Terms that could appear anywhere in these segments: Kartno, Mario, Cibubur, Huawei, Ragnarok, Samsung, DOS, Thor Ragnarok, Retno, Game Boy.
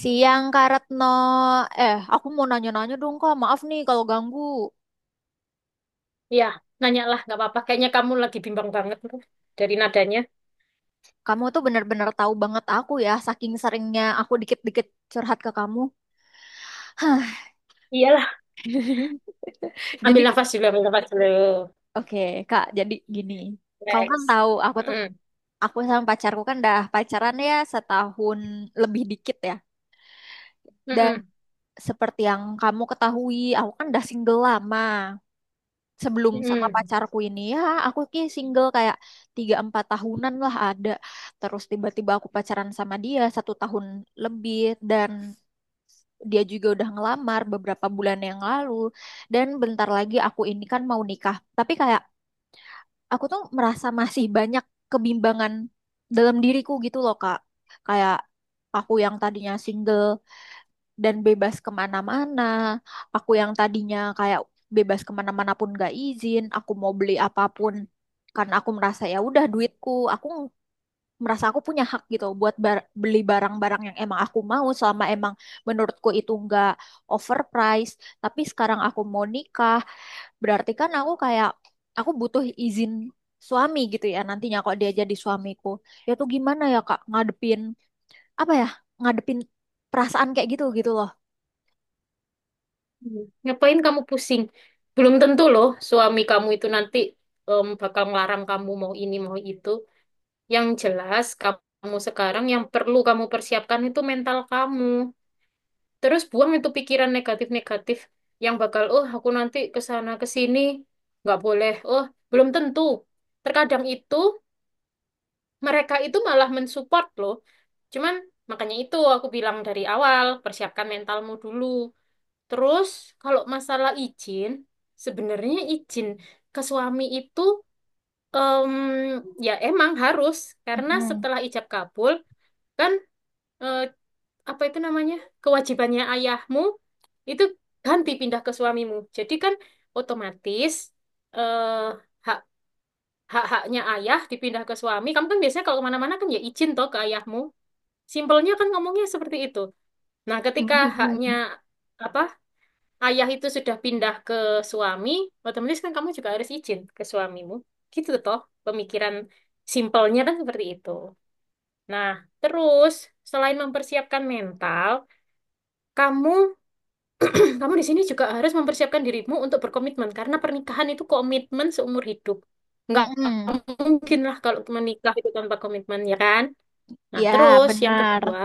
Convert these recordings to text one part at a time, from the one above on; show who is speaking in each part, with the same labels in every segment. Speaker 1: Siang Kak Retno, eh aku mau nanya-nanya dong Kak, maaf nih kalau ganggu.
Speaker 2: Iya, nanya lah, nggak apa-apa. Kayaknya kamu lagi bimbang banget tuh dari nadanya.
Speaker 1: Kamu tuh bener-bener tahu banget aku ya, saking seringnya aku dikit-dikit curhat ke kamu. Hah,
Speaker 2: Iyalah.
Speaker 1: jadi
Speaker 2: Ambil nafas dulu, ambil nafas dulu.
Speaker 1: oke Kak, jadi gini. Kamu kan
Speaker 2: Guys.
Speaker 1: tahu aku tuh,
Speaker 2: Mm-mm.
Speaker 1: aku sama pacarku kan dah pacaran ya setahun lebih dikit ya. Dan
Speaker 2: Mm-mm.
Speaker 1: seperti yang kamu ketahui, aku kan udah single lama. Sebelum sama
Speaker 2: Mm-mm.
Speaker 1: pacarku ini ya, aku ki single kayak tiga empat tahunan lah ada. Terus tiba-tiba aku pacaran sama dia satu tahun lebih, dan dia juga udah ngelamar beberapa bulan yang lalu. Dan bentar lagi aku ini kan mau nikah, tapi kayak aku tuh merasa masih banyak kebimbangan dalam diriku gitu loh Kak, kayak aku yang tadinya single dan bebas kemana-mana. Aku yang tadinya kayak bebas kemana-mana pun gak izin, aku mau beli apapun karena aku merasa ya udah duitku, aku merasa aku punya hak gitu buat beli barang-barang yang emang aku mau selama emang menurutku itu nggak overpriced. Tapi sekarang aku mau nikah, berarti kan aku kayak aku butuh izin suami gitu ya nantinya kalau dia jadi suamiku. Ya tuh gimana ya Kak ngadepin apa ya? Ngadepin perasaan kayak gitu gitu loh.
Speaker 2: Mm. Ngapain kamu pusing? Belum tentu loh suami kamu itu nanti bakal ngelarang kamu mau ini, mau itu. Yang jelas kamu sekarang yang perlu kamu persiapkan itu mental kamu. Terus buang itu pikiran negatif-negatif yang bakal, oh aku nanti ke sana ke sini nggak boleh. Oh, belum tentu. Terkadang itu mereka itu malah mensupport loh. Cuman makanya itu aku bilang dari awal, persiapkan mentalmu dulu. Terus kalau masalah izin, sebenarnya izin ke suami itu em, ya emang harus karena
Speaker 1: Mm-mm.
Speaker 2: setelah ijab kabul kan eh, apa itu namanya? Kewajibannya ayahmu itu ganti pindah ke suamimu. Jadi kan otomatis eh hak hak-haknya ayah dipindah ke suami. Kamu kan biasanya kalau kemana-mana kan ya izin toh ke ayahmu. Simpelnya kan ngomongnya seperti itu. Nah, ketika haknya
Speaker 1: Mm-mm.
Speaker 2: apa ayah itu sudah pindah ke suami, otomatis kan kamu juga harus izin ke suamimu. Gitu toh, pemikiran simpelnya kan seperti itu. Nah, terus selain mempersiapkan mental, kamu kamu di sini juga harus mempersiapkan dirimu untuk berkomitmen karena pernikahan itu komitmen seumur hidup. Nggak
Speaker 1: Mm-mm.
Speaker 2: mungkin lah kalau menikah itu tanpa komitmen ya kan? Nah,
Speaker 1: Ya,
Speaker 2: terus yang kedua
Speaker 1: benar.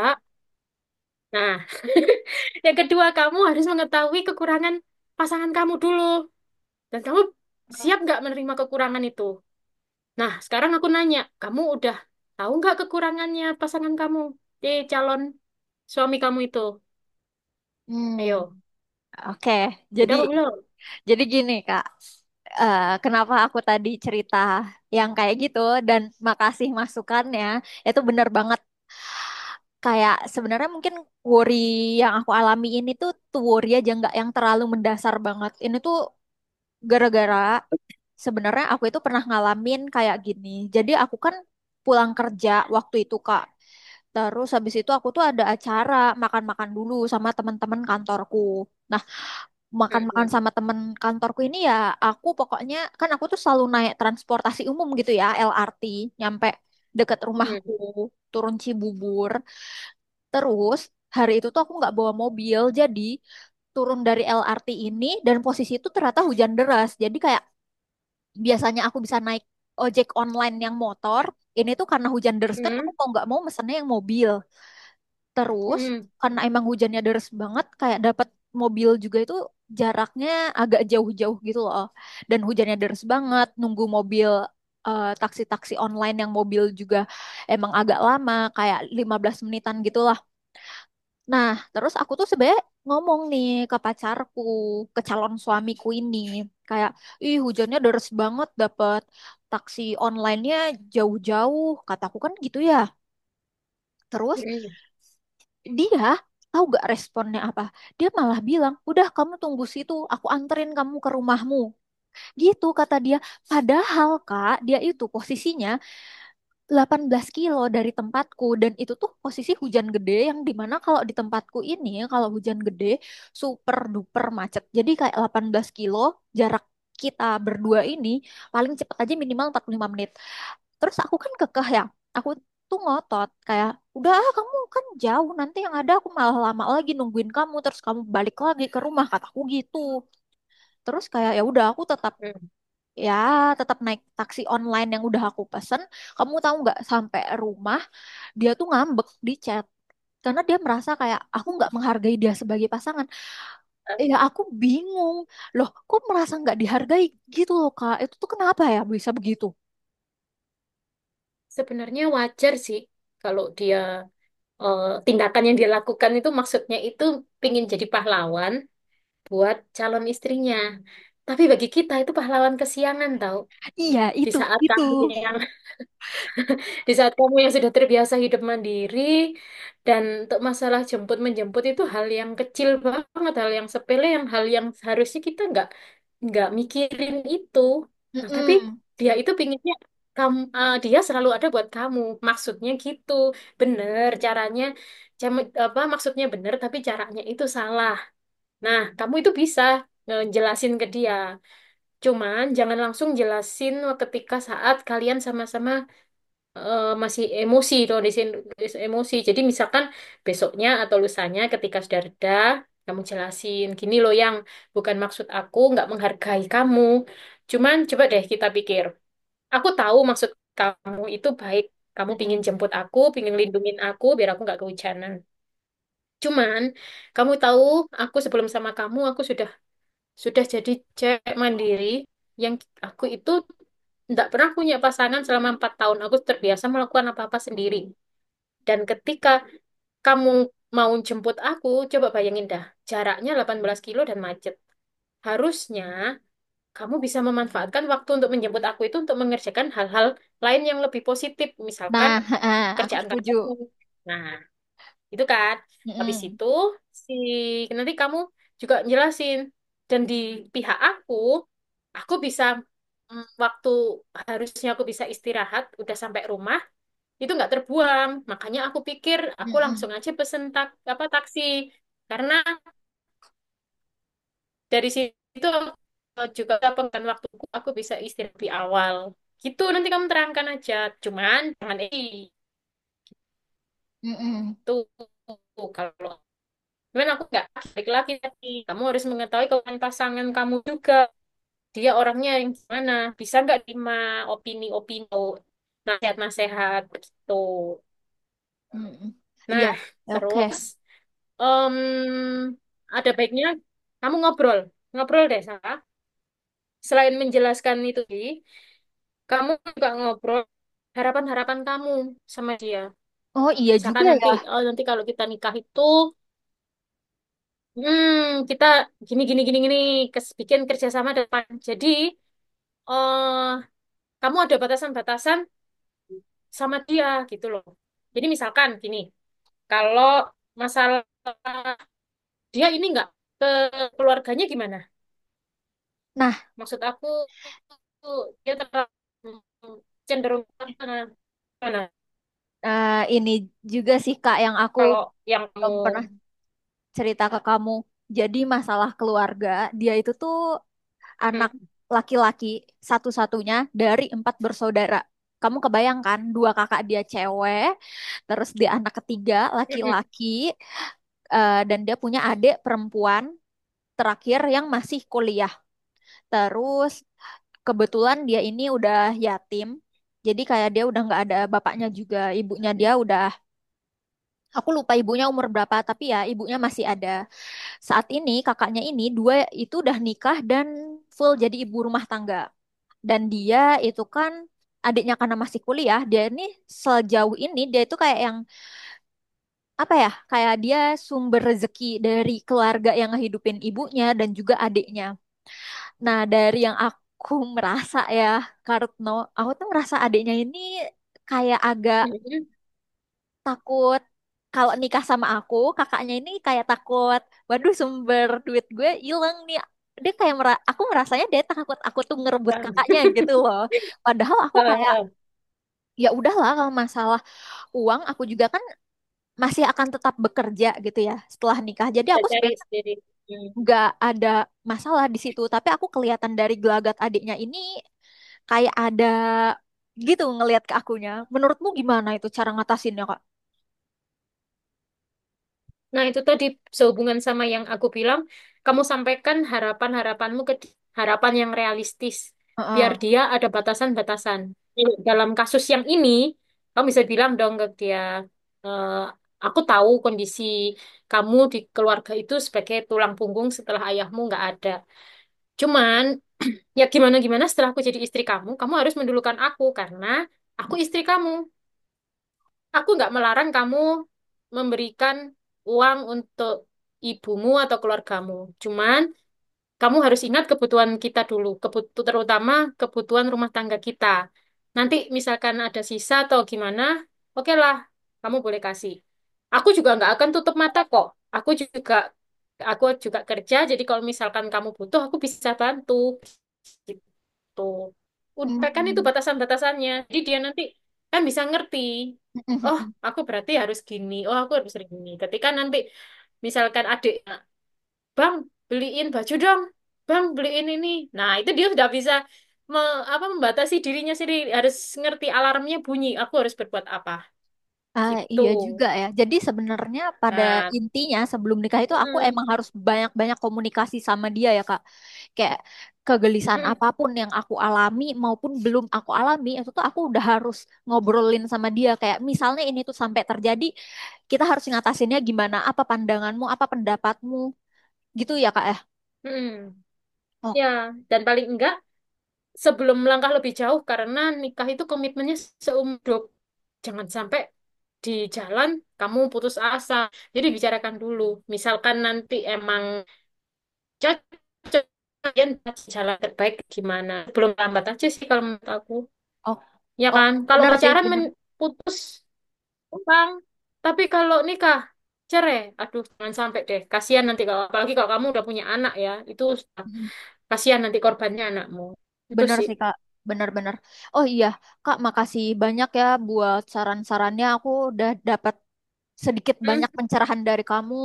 Speaker 2: Nah, yang kedua kamu harus mengetahui kekurangan pasangan kamu dulu. Dan kamu siap nggak menerima kekurangan itu? Nah, sekarang aku nanya, kamu udah tahu nggak kekurangannya pasangan kamu di calon suami kamu itu?
Speaker 1: Mm.
Speaker 2: Ayo,
Speaker 1: Oke,
Speaker 2: udah
Speaker 1: jadi
Speaker 2: apa belum?
Speaker 1: jadi gini Kak. Eh, kenapa aku tadi cerita yang kayak gitu, dan makasih masukannya, itu benar banget. Kayak sebenarnya mungkin worry yang aku alami ini tuh worry aja nggak yang terlalu mendasar banget. Ini tuh gara-gara sebenarnya aku itu pernah ngalamin kayak gini. Jadi aku kan pulang kerja waktu itu Kak. Terus habis itu aku tuh ada acara makan-makan dulu sama teman-teman kantorku. Nah, makan-makan
Speaker 2: Mm-mm.
Speaker 1: sama temen kantorku ini ya, aku pokoknya kan aku tuh selalu naik transportasi umum gitu ya, LRT nyampe deket rumahku,
Speaker 2: Mm-mm.
Speaker 1: turun Cibubur. Terus hari itu tuh aku nggak bawa mobil, jadi turun dari LRT ini, dan posisi itu ternyata hujan deras. Jadi kayak biasanya aku bisa naik ojek online yang motor, ini tuh karena hujan deres kan aku
Speaker 2: Mm-mm.
Speaker 1: mau nggak mau mesennya yang mobil. Terus
Speaker 2: Mm-mm.
Speaker 1: karena emang hujannya deres banget, kayak dapat mobil juga itu jaraknya agak jauh-jauh gitu loh. Dan hujannya deres banget, nunggu mobil eh, taksi-taksi online yang mobil juga emang agak lama, kayak 15 menitan gitu. Nah, terus aku tuh sebenarnya ngomong nih ke pacarku, ke calon suamiku ini, kayak, ih hujannya deres banget, dapet taksi online-nya jauh-jauh, kataku kan gitu ya. Terus
Speaker 2: Mm-mm.
Speaker 1: dia tahu gak responnya apa? Dia malah bilang, udah kamu tunggu situ, aku anterin kamu ke rumahmu. Gitu kata dia. Padahal Kak, dia itu posisinya 18 kilo dari tempatku, dan itu tuh posisi hujan gede yang dimana kalau di tempatku ini kalau hujan gede super duper macet. Jadi kayak 18 kilo jarak kita berdua ini paling cepet aja minimal 45 menit. Terus aku kan kekeh ya, aku tuh ngotot kayak, udah ah, kamu kan jauh, nanti yang ada aku malah lama lagi nungguin kamu terus kamu balik lagi ke rumah, kataku gitu. Terus kayak ya udah aku tetap
Speaker 2: Mm.
Speaker 1: ya tetap naik taksi online yang udah aku pesen. Kamu tahu nggak, sampai rumah dia tuh ngambek di chat karena dia merasa kayak aku nggak menghargai dia sebagai pasangan.
Speaker 2: Eh,
Speaker 1: Ya aku bingung, loh kok merasa nggak dihargai gitu loh Kak, itu tuh kenapa ya bisa begitu.
Speaker 2: Sebenarnya wajar sih kalau dia, eh, tindakan yang dia lakukan itu maksudnya itu pingin jadi pahlawan, buat calon istrinya. Tapi bagi kita itu pahlawan kesiangan tahu.
Speaker 1: Iya
Speaker 2: Di
Speaker 1: itu
Speaker 2: saat
Speaker 1: itu
Speaker 2: kamu yang di saat kamu yang sudah terbiasa hidup mandiri dan untuk masalah jemput menjemput itu hal yang kecil banget, hal yang sepele, yang hal yang seharusnya kita nggak mikirin itu. Nah, tapi
Speaker 1: Mm-mm.
Speaker 2: dia itu pinginnya kamu, eh, dia selalu ada buat kamu. Maksudnya gitu. Bener caranya apa maksudnya bener tapi caranya itu salah. Nah, kamu itu bisa ngejelasin ke dia. Cuman jangan langsung jelasin ketika saat kalian sama-sama masih emosi, tuh di sini emosi. Jadi misalkan besoknya atau lusanya ketika sudah reda, kamu jelasin gini loh yang bukan maksud aku nggak menghargai kamu. Cuman coba deh kita pikir. Aku tahu maksud kamu itu baik. Kamu pingin
Speaker 1: Mm-mm.
Speaker 2: jemput aku, pingin lindungin aku biar aku nggak kehujanan. Cuman kamu tahu, aku sebelum sama kamu, aku sudah jadi cewek mandiri yang aku itu tidak pernah punya pasangan selama 4 tahun. Aku terbiasa melakukan apa-apa sendiri. Dan ketika kamu mau jemput aku, coba bayangin dah, jaraknya 18 kilo dan macet. Harusnya kamu bisa memanfaatkan waktu untuk menjemput aku itu untuk mengerjakan hal-hal lain yang lebih positif, misalkan
Speaker 1: Nah heeh, aku
Speaker 2: kerjaan
Speaker 1: setuju.
Speaker 2: kamu. Nah, itu kan. Habis
Speaker 1: Mm-mm.
Speaker 2: itu si nanti kamu juga jelasin. Dan di pihak aku bisa, waktu harusnya aku bisa istirahat, udah sampai rumah, itu nggak terbuang. Makanya aku pikir aku
Speaker 1: Mm-mm.
Speaker 2: langsung aja pesen tak, apa taksi. Karena dari situ aku juga pengen waktuku, aku bisa istirahat di awal. Gitu nanti kamu terangkan aja. Cuman jangan,
Speaker 1: Mm-mm.
Speaker 2: itu kalau Cuman aku nggak laki-laki tapi kamu harus mengetahui kekuatan pasangan kamu juga. Dia orangnya yang gimana? Bisa nggak terima opini-opini, nasihat-nasihat gitu.
Speaker 1: Mm-mm. Iya,
Speaker 2: Nah,
Speaker 1: oke.
Speaker 2: terus em, ada baiknya kamu ngobrol, ngobrol deh Sarah. Selain menjelaskan itu tadi, kamu juga ngobrol harapan-harapan kamu sama dia.
Speaker 1: Oh iya juga
Speaker 2: Misalkan
Speaker 1: ya.
Speaker 2: nanti, oh nanti kalau kita nikah itu hmm, kita gini gini gini gini bikin kerjasama depan. Jadi eh kamu ada batasan-batasan sama dia gitu loh. Jadi misalkan gini, kalau masalah dia ini nggak ke keluarganya gimana?
Speaker 1: Nah,
Speaker 2: Maksud aku dia terlalu cenderung mana?
Speaker 1: eh, ini juga sih Kak yang aku
Speaker 2: Kalau yang kamu
Speaker 1: belum pernah cerita ke kamu. Jadi masalah keluarga, dia itu tuh anak laki-laki satu-satunya dari empat bersaudara. Kamu kebayangkan dua kakak dia cewek, terus dia anak ketiga laki-laki, eh, dan dia punya adik perempuan terakhir yang masih kuliah. Terus kebetulan dia ini udah yatim, jadi kayak dia udah nggak ada bapaknya juga, ibunya dia udah, aku lupa ibunya umur berapa, tapi ya ibunya masih ada. Saat ini kakaknya ini dua itu udah nikah dan full jadi ibu rumah tangga. Dan dia itu kan adiknya karena masih kuliah, dia ini sejauh ini dia itu kayak yang apa ya? Kayak dia sumber rezeki dari keluarga yang ngehidupin ibunya dan juga adiknya. Nah, dari yang aku merasa ya, Kartno, aku tuh merasa adiknya ini kayak agak
Speaker 2: hmm. Ya.
Speaker 1: takut kalau nikah sama aku, kakaknya ini kayak takut, waduh sumber duit gue hilang nih. Dia kayak aku merasanya dia takut aku tuh ngerebut kakaknya gitu loh. Padahal aku
Speaker 2: Eh,
Speaker 1: kayak
Speaker 2: eh, eh,
Speaker 1: ya udahlah, kalau masalah uang aku juga kan masih akan tetap bekerja gitu ya setelah nikah, jadi
Speaker 2: saya
Speaker 1: aku
Speaker 2: cari
Speaker 1: sebenarnya
Speaker 2: sendiri. Hmm.
Speaker 1: nggak ada masalah di situ. Tapi aku kelihatan dari gelagat adiknya ini kayak ada gitu ngelihat ke akunya. Menurutmu gimana itu cara ngatasinnya Kak?
Speaker 2: Nah, itu tadi sehubungan sama yang aku bilang, kamu sampaikan harapan-harapanmu ke harapan yang realistis, biar
Speaker 1: Heeh.
Speaker 2: dia ada batasan-batasan. Hmm. Dalam kasus yang ini, kamu bisa bilang dong ke dia, "Eh, aku tahu kondisi kamu di keluarga itu sebagai tulang punggung setelah ayahmu nggak ada. Cuman, ya gimana-gimana setelah aku jadi istri kamu, kamu harus mendulukan aku karena aku istri kamu. Aku nggak melarang kamu memberikan uang untuk ibumu atau keluargamu. Cuman kamu harus ingat kebutuhan kita dulu, terutama kebutuhan rumah tangga kita. Nanti misalkan ada sisa atau gimana, oke lah, kamu boleh kasih. Aku juga nggak akan tutup mata kok. Aku juga aku juga kerja, jadi kalau misalkan kamu butuh, aku bisa bantu." Tuh. Udah kan itu
Speaker 1: Hmm.
Speaker 2: batasan-batasannya. Jadi dia nanti kan bisa ngerti. Oh, aku berarti harus gini. Oh, aku harus gini. Ketika nanti misalkan adik, "Bang, beliin baju dong. Bang, beliin ini." Nah, itu dia sudah bisa apa membatasi dirinya sendiri. Harus ngerti alarmnya bunyi. Aku harus berbuat apa.
Speaker 1: Ah,
Speaker 2: Gitu.
Speaker 1: iya juga ya. Jadi sebenarnya pada
Speaker 2: Nah,
Speaker 1: intinya sebelum nikah itu aku
Speaker 2: mm,
Speaker 1: emang harus banyak-banyak komunikasi sama dia ya Kak. Kayak kegelisahan
Speaker 2: mm,
Speaker 1: apapun yang aku alami maupun belum aku alami itu tuh aku udah harus ngobrolin sama dia. Kayak misalnya ini tuh sampai terjadi, kita harus ngatasinnya gimana? Apa pandanganmu? Apa pendapatmu? Gitu ya Kak ya.
Speaker 2: mm.
Speaker 1: Oh,
Speaker 2: Ya, dan paling enggak sebelum melangkah lebih jauh karena nikah itu komitmennya seumur hidup. Jangan sampai di jalan kamu putus asa. Jadi bicarakan dulu. Misalkan nanti emang cocok kalian jalan terbaik gimana. Belum lambat aja sih kalau menurut aku.
Speaker 1: oh,
Speaker 2: Ya
Speaker 1: oh,
Speaker 2: kan? Kalau
Speaker 1: benar sih,
Speaker 2: pacaran
Speaker 1: benar.
Speaker 2: putus utang. Tapi kalau nikah cerai, aduh jangan sampai deh. Kasihan nanti kalau apalagi kalau kamu udah punya anak ya, itu kasihan nanti korbannya anakmu. Itu
Speaker 1: Bener
Speaker 2: sih.
Speaker 1: sih Kak, bener-bener. Oh iya, Kak, makasih banyak ya buat saran-sarannya. Aku udah dapat sedikit
Speaker 2: Hmm.
Speaker 1: banyak pencerahan dari kamu.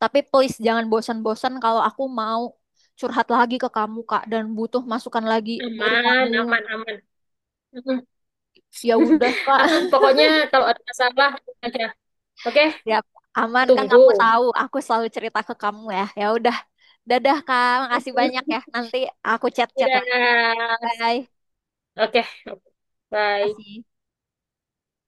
Speaker 1: Tapi please jangan bosan-bosan kalau aku mau curhat lagi ke kamu, Kak, dan butuh masukan lagi dari kamu.
Speaker 2: Aman, aman, aman. Mm.
Speaker 1: Ya udah, Kak.
Speaker 2: Aman, pokoknya kalau ada masalah aja. Oke,
Speaker 1: Ya, aman kan kamu
Speaker 2: tunggu.
Speaker 1: tahu, aku selalu cerita ke kamu ya. Ya udah. Dadah, Kak. Makasih banyak ya. Nanti aku chat-chat lagi.
Speaker 2: Dadah.
Speaker 1: Bye.
Speaker 2: Oke, bye.
Speaker 1: Kasih